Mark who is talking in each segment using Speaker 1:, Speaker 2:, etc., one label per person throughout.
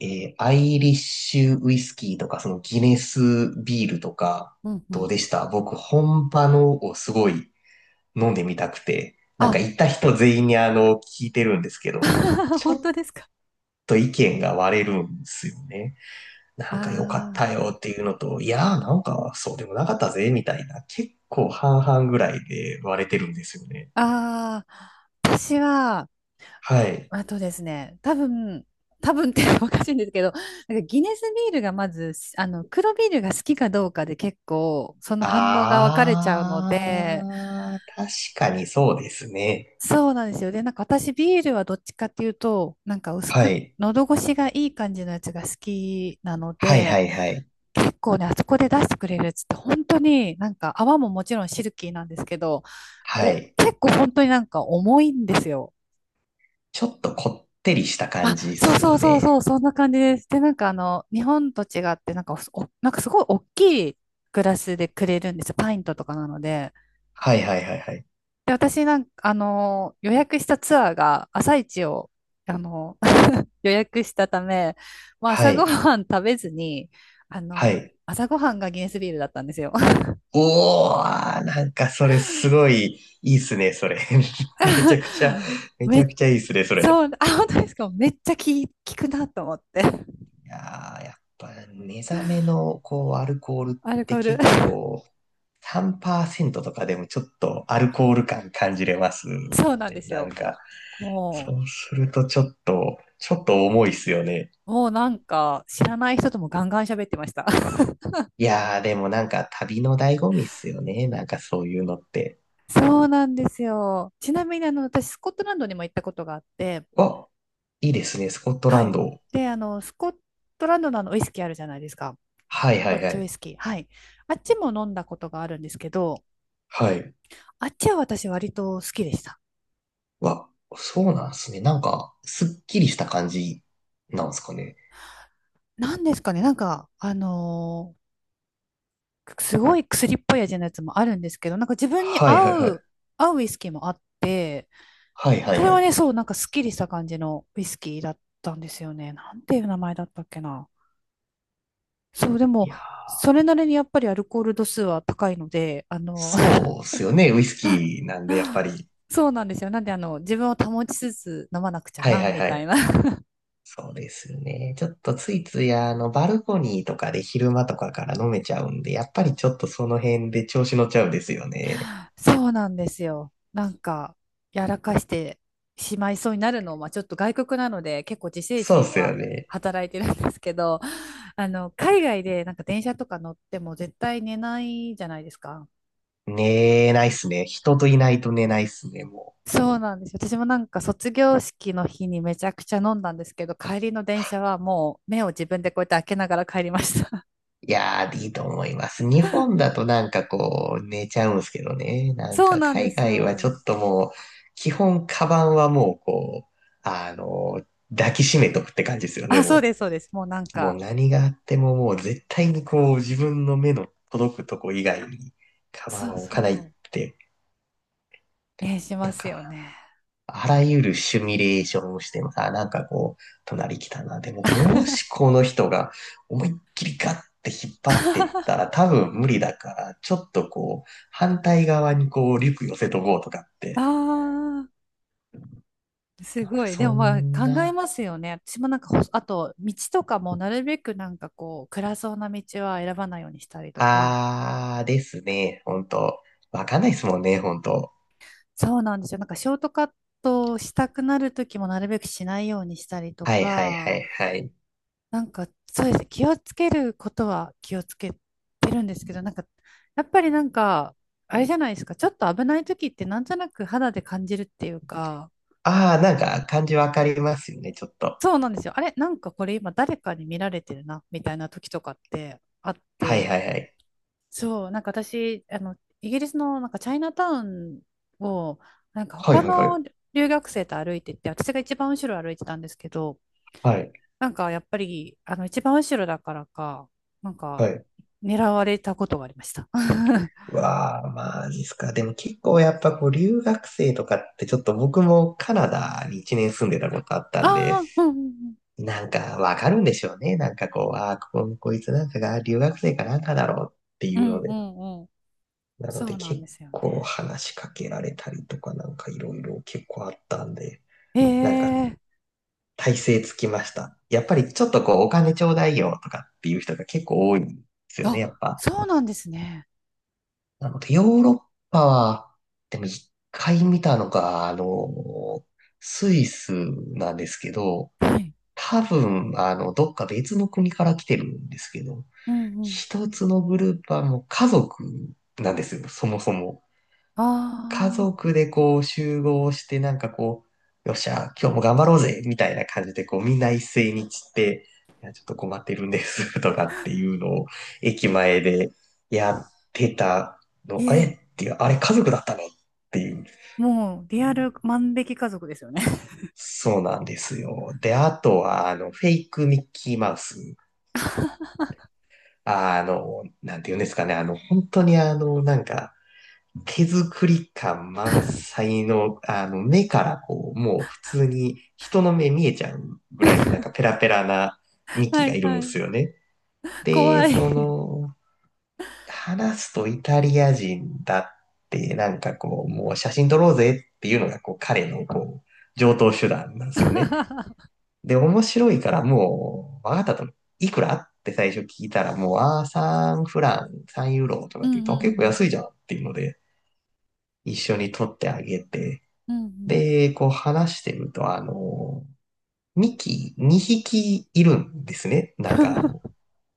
Speaker 1: アイリッシュウイスキーとか、そのギネスビールとか、
Speaker 2: うんう
Speaker 1: どう
Speaker 2: ん。
Speaker 1: でした？僕、本場のをすごい飲んでみたくて、なんか
Speaker 2: あ、
Speaker 1: 行った人全員に聞いてるんですけど、ちょ
Speaker 2: 本
Speaker 1: っ
Speaker 2: 当ですか？
Speaker 1: と意見が割れるんですよね。なんか良かっ
Speaker 2: あ
Speaker 1: たよっていうのと、いやーなんかそうでもなかったぜ、みたいな、結構半々ぐらいで割れてるんですよね。
Speaker 2: あ、ああ、私は、
Speaker 1: はい。
Speaker 2: あとですね、多分、多分って おかしいんですけど、なんかギネスビールがまず、黒ビールが好きかどうかで結構、その反応が分かれちゃうので、
Speaker 1: あー、確かにそうですね。
Speaker 2: そうなんですよ。で、なんか私ビールはどっちかっていうと、なんか薄
Speaker 1: は
Speaker 2: く、
Speaker 1: い。
Speaker 2: 喉越しがいい感じのやつが好きなの
Speaker 1: はいは
Speaker 2: で、
Speaker 1: いはい。
Speaker 2: 結構ね、あそこで出してくれるっつって、本当になんか泡ももちろんシルキーなんですけど、
Speaker 1: は
Speaker 2: お、
Speaker 1: い。
Speaker 2: 結構本当になんか重いんですよ。
Speaker 1: ちょっとこってりした感
Speaker 2: あ、
Speaker 1: じで
Speaker 2: そう
Speaker 1: す
Speaker 2: そ
Speaker 1: よ
Speaker 2: うそうそ
Speaker 1: ね。
Speaker 2: う、そんな感じです。で、なんか日本と違って、なんかなんかすごい大きいグラスでくれるんですよ。パイントとかなので。
Speaker 1: はいはいはいはい。
Speaker 2: で、私なんか、予約したツアーが朝一を、あの、予約したため、まあ、
Speaker 1: は
Speaker 2: 朝ご
Speaker 1: い。
Speaker 2: はん食べずに、あ
Speaker 1: は
Speaker 2: の、
Speaker 1: い。
Speaker 2: 朝ごはんがギネスビールだったんですよ。
Speaker 1: おー、なんかそれすごいいいっすね、それ。めちゃくちゃ、め
Speaker 2: め
Speaker 1: ち
Speaker 2: っ
Speaker 1: ゃくちゃいいっすね、それ。
Speaker 2: そう、あ、本当ですか？めっちゃき効くなと思って。
Speaker 1: いやー、やっぱ目覚めのこうアルコールっ
Speaker 2: アルコ
Speaker 1: て
Speaker 2: ール。
Speaker 1: 結 構3%とかでもちょっとアルコール感感じれますもんね。
Speaker 2: そうなんです
Speaker 1: なん
Speaker 2: よ。
Speaker 1: か、そ
Speaker 2: も
Speaker 1: うするとちょっと重いっすよね。
Speaker 2: もうなんか、知らない人ともガンガン喋ってました。
Speaker 1: いやー、でもなんか旅の醍醐味っすよね。なんかそういうのって。
Speaker 2: そうなんですよ。ちなみに、私、スコットランドにも行ったことがあって、
Speaker 1: わ、いいですね、スコットラ
Speaker 2: は
Speaker 1: ン
Speaker 2: い。
Speaker 1: ド。
Speaker 2: で、スコットランドのウイスキーあるじゃないですか。
Speaker 1: はい
Speaker 2: ス
Speaker 1: は
Speaker 2: コッ
Speaker 1: いは
Speaker 2: チウ
Speaker 1: い。
Speaker 2: イスキー。はい。あっちも飲んだことがあるんですけど、
Speaker 1: はい。
Speaker 2: あっちは私割と好きでした。
Speaker 1: わ、そうなんすね。なんか、すっきりした感じなんすかね。
Speaker 2: なんですかね、なんか、すごい薬っぽい味のやつもあるんですけど、なんか自分に
Speaker 1: はいはい
Speaker 2: 合
Speaker 1: はい。
Speaker 2: う、ウイスキーもあって、
Speaker 1: はいは
Speaker 2: そ
Speaker 1: い
Speaker 2: れ
Speaker 1: は
Speaker 2: は
Speaker 1: い。
Speaker 2: ね、そう、なんかすっきりした感じのウイスキーだったんですよね。なんていう名前だったっけな。そう、で
Speaker 1: い
Speaker 2: も、
Speaker 1: やー、
Speaker 2: それなりにやっぱりアルコール度数は高いので、
Speaker 1: そうっすよね。ウイスキーなんで、やっぱ り。
Speaker 2: そうなんですよ。なんで、自分を保ちつつ飲まなくちゃ
Speaker 1: はい
Speaker 2: な、
Speaker 1: はい
Speaker 2: み
Speaker 1: は
Speaker 2: たい
Speaker 1: い。
Speaker 2: な
Speaker 1: そうですよね。ちょっとついついバルコニーとかで昼間とかから飲めちゃうんで、やっぱりちょっとその辺で調子乗っちゃうんですよね。
Speaker 2: そうなんですよ。なんか、やらかしてしまいそうになるのは、ちょっと外国なので、結構自制
Speaker 1: そうっ
Speaker 2: 心
Speaker 1: すよ
Speaker 2: は
Speaker 1: ね。
Speaker 2: 働いてるんですけど、海外でなんか電車とか乗っても絶対寝ないじゃないですか。
Speaker 1: 寝ないっすね。人といないと寝ないっすね、も
Speaker 2: そうなんですよ。私もなんか卒業式の日にめちゃくちゃ飲んだんですけど、帰りの電車はもう目を自分でこうやって開けながら帰りました。
Speaker 1: う。いやー、いいと思います。日本だとなんかこう、寝ちゃうんすけどね。なん
Speaker 2: そう
Speaker 1: か
Speaker 2: なんで
Speaker 1: 海
Speaker 2: す
Speaker 1: 外はちょ
Speaker 2: よ。
Speaker 1: っともう、基本カバンはもうこう、あの抱きしめとくって感じですよね、
Speaker 2: あ、そう
Speaker 1: も
Speaker 2: です、そうです。もうなん
Speaker 1: う。もう
Speaker 2: か、
Speaker 1: 何があってももう絶対にこう、自分の目の届くとこ以外に、カバン
Speaker 2: そ
Speaker 1: は
Speaker 2: う
Speaker 1: 置かないっ
Speaker 2: そう。
Speaker 1: て、
Speaker 2: え、しま
Speaker 1: なん
Speaker 2: す
Speaker 1: か
Speaker 2: よね。
Speaker 1: あらゆるシミュレーションをしてもさ、なんかこう、隣来たな。でも、もしこの人が思いっきりガッて引っ張ってったら多分無理だから、ちょっとこう、反対側にこう、リュック寄せとこうとかって。
Speaker 2: ああ。す
Speaker 1: なの
Speaker 2: ご
Speaker 1: で
Speaker 2: い。で
Speaker 1: そ
Speaker 2: もまあ
Speaker 1: ん
Speaker 2: 考え
Speaker 1: な、
Speaker 2: ますよね。私もなんかあと、道とかもなるべくなんかこう、暗そうな道は選ばないようにしたりとか。うん
Speaker 1: あーですね。ほんと。わかんないですもんね、ほんと。
Speaker 2: そうなんですよ。なんかショートカットをしたくなるときもなるべくしないようにしたりと
Speaker 1: はいはいは
Speaker 2: か、
Speaker 1: いはい。
Speaker 2: なんかそうですね。気をつけることは気をつけてるんですけど、なんか、やっぱりなんか、あれじゃないですか。ちょっと危ないときってなんとなく肌で感じるっていうか、
Speaker 1: あー、なんか感じわかりますよね、ちょっと。
Speaker 2: そうなんですよ。あれ、なんかこれ今誰かに見られてるな、みたいな時とかってあっ
Speaker 1: はい
Speaker 2: て、
Speaker 1: はいはい。
Speaker 2: そう、なんか私、イギリスのなんかチャイナタウンを、なんか
Speaker 1: はい
Speaker 2: 他
Speaker 1: はいはい。
Speaker 2: の留学生と歩いてて、私が一番後ろ歩いてたんですけど、
Speaker 1: はい。
Speaker 2: なんかやっぱり、一番後ろだからか、なんか、
Speaker 1: はい
Speaker 2: 狙われたことがありました。あ
Speaker 1: わあ、マジっすか？でも結構やっぱこう留学生とかってちょっと、僕もカナダに1年住んでたことあったん
Speaker 2: あ、
Speaker 1: で、
Speaker 2: うんうん
Speaker 1: なんかわかるんでしょうね。なんかこう、ああ、ここ、こいつなんかが留学生かなんかだろうって
Speaker 2: う
Speaker 1: いうの
Speaker 2: ん、う
Speaker 1: で。
Speaker 2: んうんうん。
Speaker 1: なの
Speaker 2: そ
Speaker 1: で
Speaker 2: うなん
Speaker 1: 結
Speaker 2: ですよね。
Speaker 1: 構話しかけられたりとかなんかいろいろ結構あったんで、なんか
Speaker 2: ええ
Speaker 1: 体勢つきました。やっぱりちょっとこうお金ちょうだいよとかっていう人が結構多いんですよね、
Speaker 2: あ、
Speaker 1: やっぱ。
Speaker 2: そうなんですね。
Speaker 1: なので、ヨーロッパは、でも一回見たのが、スイスなんですけど、
Speaker 2: はい。
Speaker 1: 多分、どっか別の国から来てるんですけど、
Speaker 2: うんうん。
Speaker 1: 一つのグループはもう家族なんですよ、そもそも。
Speaker 2: あ
Speaker 1: 家
Speaker 2: あ、
Speaker 1: 族でこう集合して、なんかこう、よっしゃ、今日も頑張ろうぜ、みたいな感じで、こう、みんな一斉に散って、いや、ちょっと困ってるんです、とかっていうのを、駅前でやってたの、
Speaker 2: い
Speaker 1: あれ
Speaker 2: え、
Speaker 1: っていう、あれ家族だったのっていう。
Speaker 2: もう、リアル万引き家族ですよね。
Speaker 1: そうなんですよ。で、あとは、フェイクミッキーマウス。なんて言うんですかね、本当になんか、手作り感満載の、目からこう、もう普通に人の目見えちゃうぐらい、なんかペラペラな ミキ
Speaker 2: は
Speaker 1: が
Speaker 2: い
Speaker 1: いる
Speaker 2: は
Speaker 1: んで
Speaker 2: い。
Speaker 1: すよね。で、
Speaker 2: 怖
Speaker 1: そ
Speaker 2: い。
Speaker 1: の、話すとイタリア人だって、なんかこう、もう写真撮ろうぜっていうのが、こう、彼のこう、上等手段なんですよね。で、面白いからもう、わかったと、いくらって最初聞いたら、もう、ああ、3フラン、3ユーロと
Speaker 2: う
Speaker 1: かって言う
Speaker 2: んう
Speaker 1: と、結構
Speaker 2: ん
Speaker 1: 安いじゃんっていうので、一緒に撮ってあげて、
Speaker 2: うんうんうん
Speaker 1: で、こう話してると、ミキ2匹いるんですね。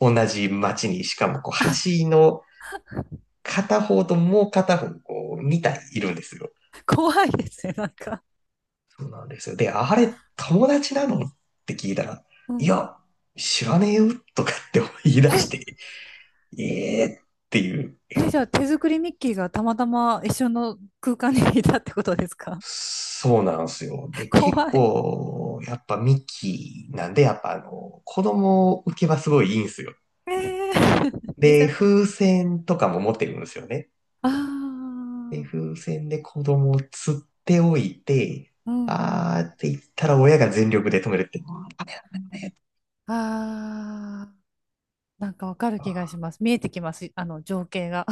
Speaker 1: 同じ町に、しかもこう橋の片方ともう片方、こう2体いるんですよ。
Speaker 2: 怖いですね、なんか。
Speaker 1: そうなんですよ。で、あれ、友達なのって聞いたら、
Speaker 2: う
Speaker 1: い
Speaker 2: ん。
Speaker 1: や、知らねえよとかって言い出して、ええー、っていう。え、
Speaker 2: え、じゃあ手作りミッキーがたまたま一緒の空間にいたってことですか？
Speaker 1: そうなんですよ。で、結
Speaker 2: 怖い。
Speaker 1: 構、やっぱミキなんで、やっぱ子供受けはすごいいいんですよ。
Speaker 2: ええいい
Speaker 1: で、風船とかも持ってるんですよね。
Speaker 2: あ
Speaker 1: で、
Speaker 2: あ、
Speaker 1: 風船で子供を釣っておいて、
Speaker 2: うんうん。
Speaker 1: あーって言ったら親が全力で止めるっていうね。
Speaker 2: ああ、なんかわかる気がします。見えてきます、あの情景が。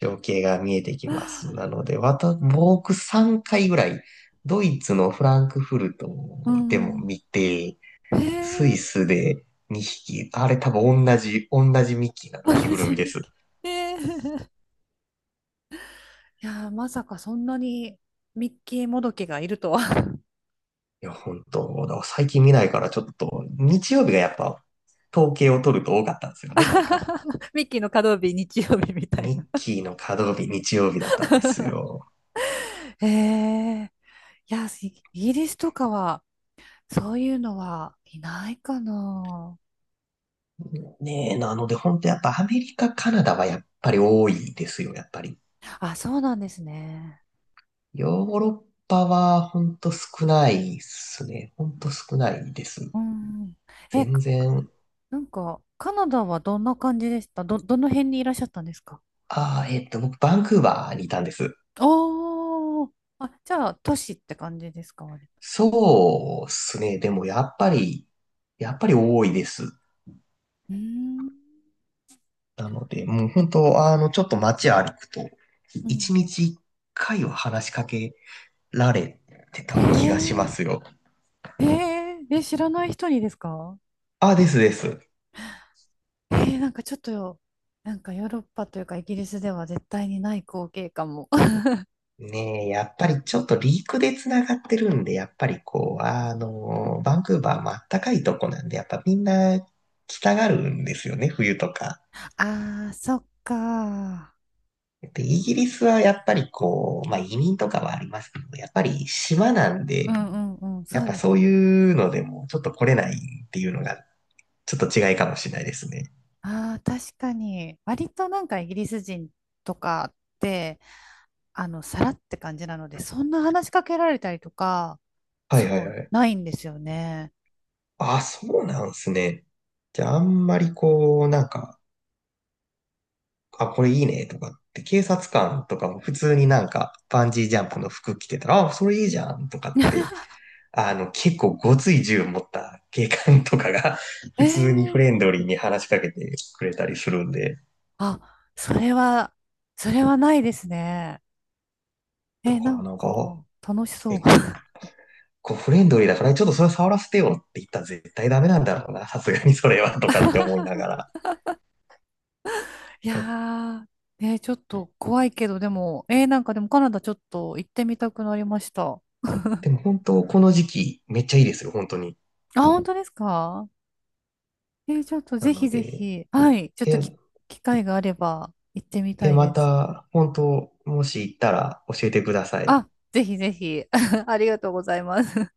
Speaker 1: 情景が見えてきます。な ので、僕3回ぐらい、ドイツのフランクフルト
Speaker 2: う
Speaker 1: で
Speaker 2: んう
Speaker 1: も
Speaker 2: ん。
Speaker 1: 見て、
Speaker 2: え
Speaker 1: ス
Speaker 2: え
Speaker 1: イスで2匹、あれ多分同じミッキーな の、着
Speaker 2: マ
Speaker 1: ぐる
Speaker 2: ジミ
Speaker 1: み
Speaker 2: ッ
Speaker 1: です。
Speaker 2: キー。ええ いやーまさかそんなにミッキーもどきがいるとは。
Speaker 1: いや、本当、だから最近見ないからちょっと、日曜日がやっぱ、統計を取ると多かったんですよね、なんか。
Speaker 2: ミッキーの稼働日、日曜日みたい
Speaker 1: ミッ
Speaker 2: な。
Speaker 1: キーの稼働日、日曜日だったんですよ。
Speaker 2: へえ。いや、イイギリスとかは、そういうのはいないかな。
Speaker 1: ねえ、なので本当やっぱアメリカ、カナダはやっぱり多いですよ、やっぱり。
Speaker 2: あ、そうなんですね。
Speaker 1: ヨーロッパは本当少ないっすね。本当少ないです。
Speaker 2: うん。え、
Speaker 1: 全然。
Speaker 2: なんか、カナダはどんな感じでしたどの辺にいらっしゃったんですか？
Speaker 1: ああ、えっと、僕、バンクーバーにいたんです。
Speaker 2: おー。あ、じゃあ、都市って感じですか、割と。
Speaker 1: そうっすね。でもやっぱり、やっぱり多いです。
Speaker 2: うーん。
Speaker 1: なので、もう本当、ちょっと街歩くと、
Speaker 2: う
Speaker 1: 一
Speaker 2: ん。
Speaker 1: 日一回は話しかけられてた気がし
Speaker 2: へ
Speaker 1: ますよ。
Speaker 2: え。へえ。え、知らない人にですか？
Speaker 1: あ、ですです。
Speaker 2: えー、なんかちょっと、なんかヨーロッパというかイギリスでは絶対にない光景かも。
Speaker 1: ねえ、やっぱりちょっとリークで繋がってるんで、やっぱりこう、バンクーバーもあったかいとこなんで、やっぱみんな来たがるんですよね、冬とか。
Speaker 2: ああ、そっか。
Speaker 1: で、イギリスはやっぱりこう、まあ移民とかはありますけど、やっぱり島なん
Speaker 2: う
Speaker 1: で、
Speaker 2: んうんうん、そ
Speaker 1: やっ
Speaker 2: う
Speaker 1: ぱ
Speaker 2: です
Speaker 1: そう
Speaker 2: ね。
Speaker 1: いうのでもちょっと来れないっていうのがちょっと違いかもしれないですね。
Speaker 2: ああ、確かに。割となんかイギリス人とかって、さらって感じなので、そんな話しかけられたりとか、
Speaker 1: はいは
Speaker 2: そ
Speaker 1: いは
Speaker 2: う、
Speaker 1: い。
Speaker 2: ないんですよね。
Speaker 1: あ、そうなんですね。じゃあ、あんまりこう、なんか、あ、これいいね、とかって、警察官とかも普通になんか、バンジージャンプの服着てたら、あ、それいいじゃん、とかって、結構ごつい銃持った警官とかが
Speaker 2: え
Speaker 1: 普通にフ
Speaker 2: ー、
Speaker 1: レンドリーに話しかけてくれたりするんで、
Speaker 2: あ、それは、ないですね。
Speaker 1: だ
Speaker 2: えー、
Speaker 1: か
Speaker 2: な
Speaker 1: ら
Speaker 2: ん
Speaker 1: なん
Speaker 2: か、
Speaker 1: か、
Speaker 2: 楽しそ
Speaker 1: え、こ、
Speaker 2: う。
Speaker 1: こうフレンドリーだから、ちょっとそれ触らせてよって言ったら絶対ダメなんだろうな、さすがにそれは、とかって思いながら。
Speaker 2: いや
Speaker 1: だ
Speaker 2: ー、ちょっと怖いけど、でも、なんかでもカナダちょっと行ってみたくなりました。
Speaker 1: でも本当、この時期、めっちゃいいですよ、本当に。
Speaker 2: あ、本当ですか？えー、ちょっと
Speaker 1: な
Speaker 2: ぜひ
Speaker 1: の
Speaker 2: ぜ
Speaker 1: で、
Speaker 2: ひ、はい、ちょっと
Speaker 1: え、
Speaker 2: 機会があれば行ってみたい
Speaker 1: ま
Speaker 2: です。
Speaker 1: た、本当、もし行ったら教えてください。
Speaker 2: あ、ぜひぜひ、ありがとうございます。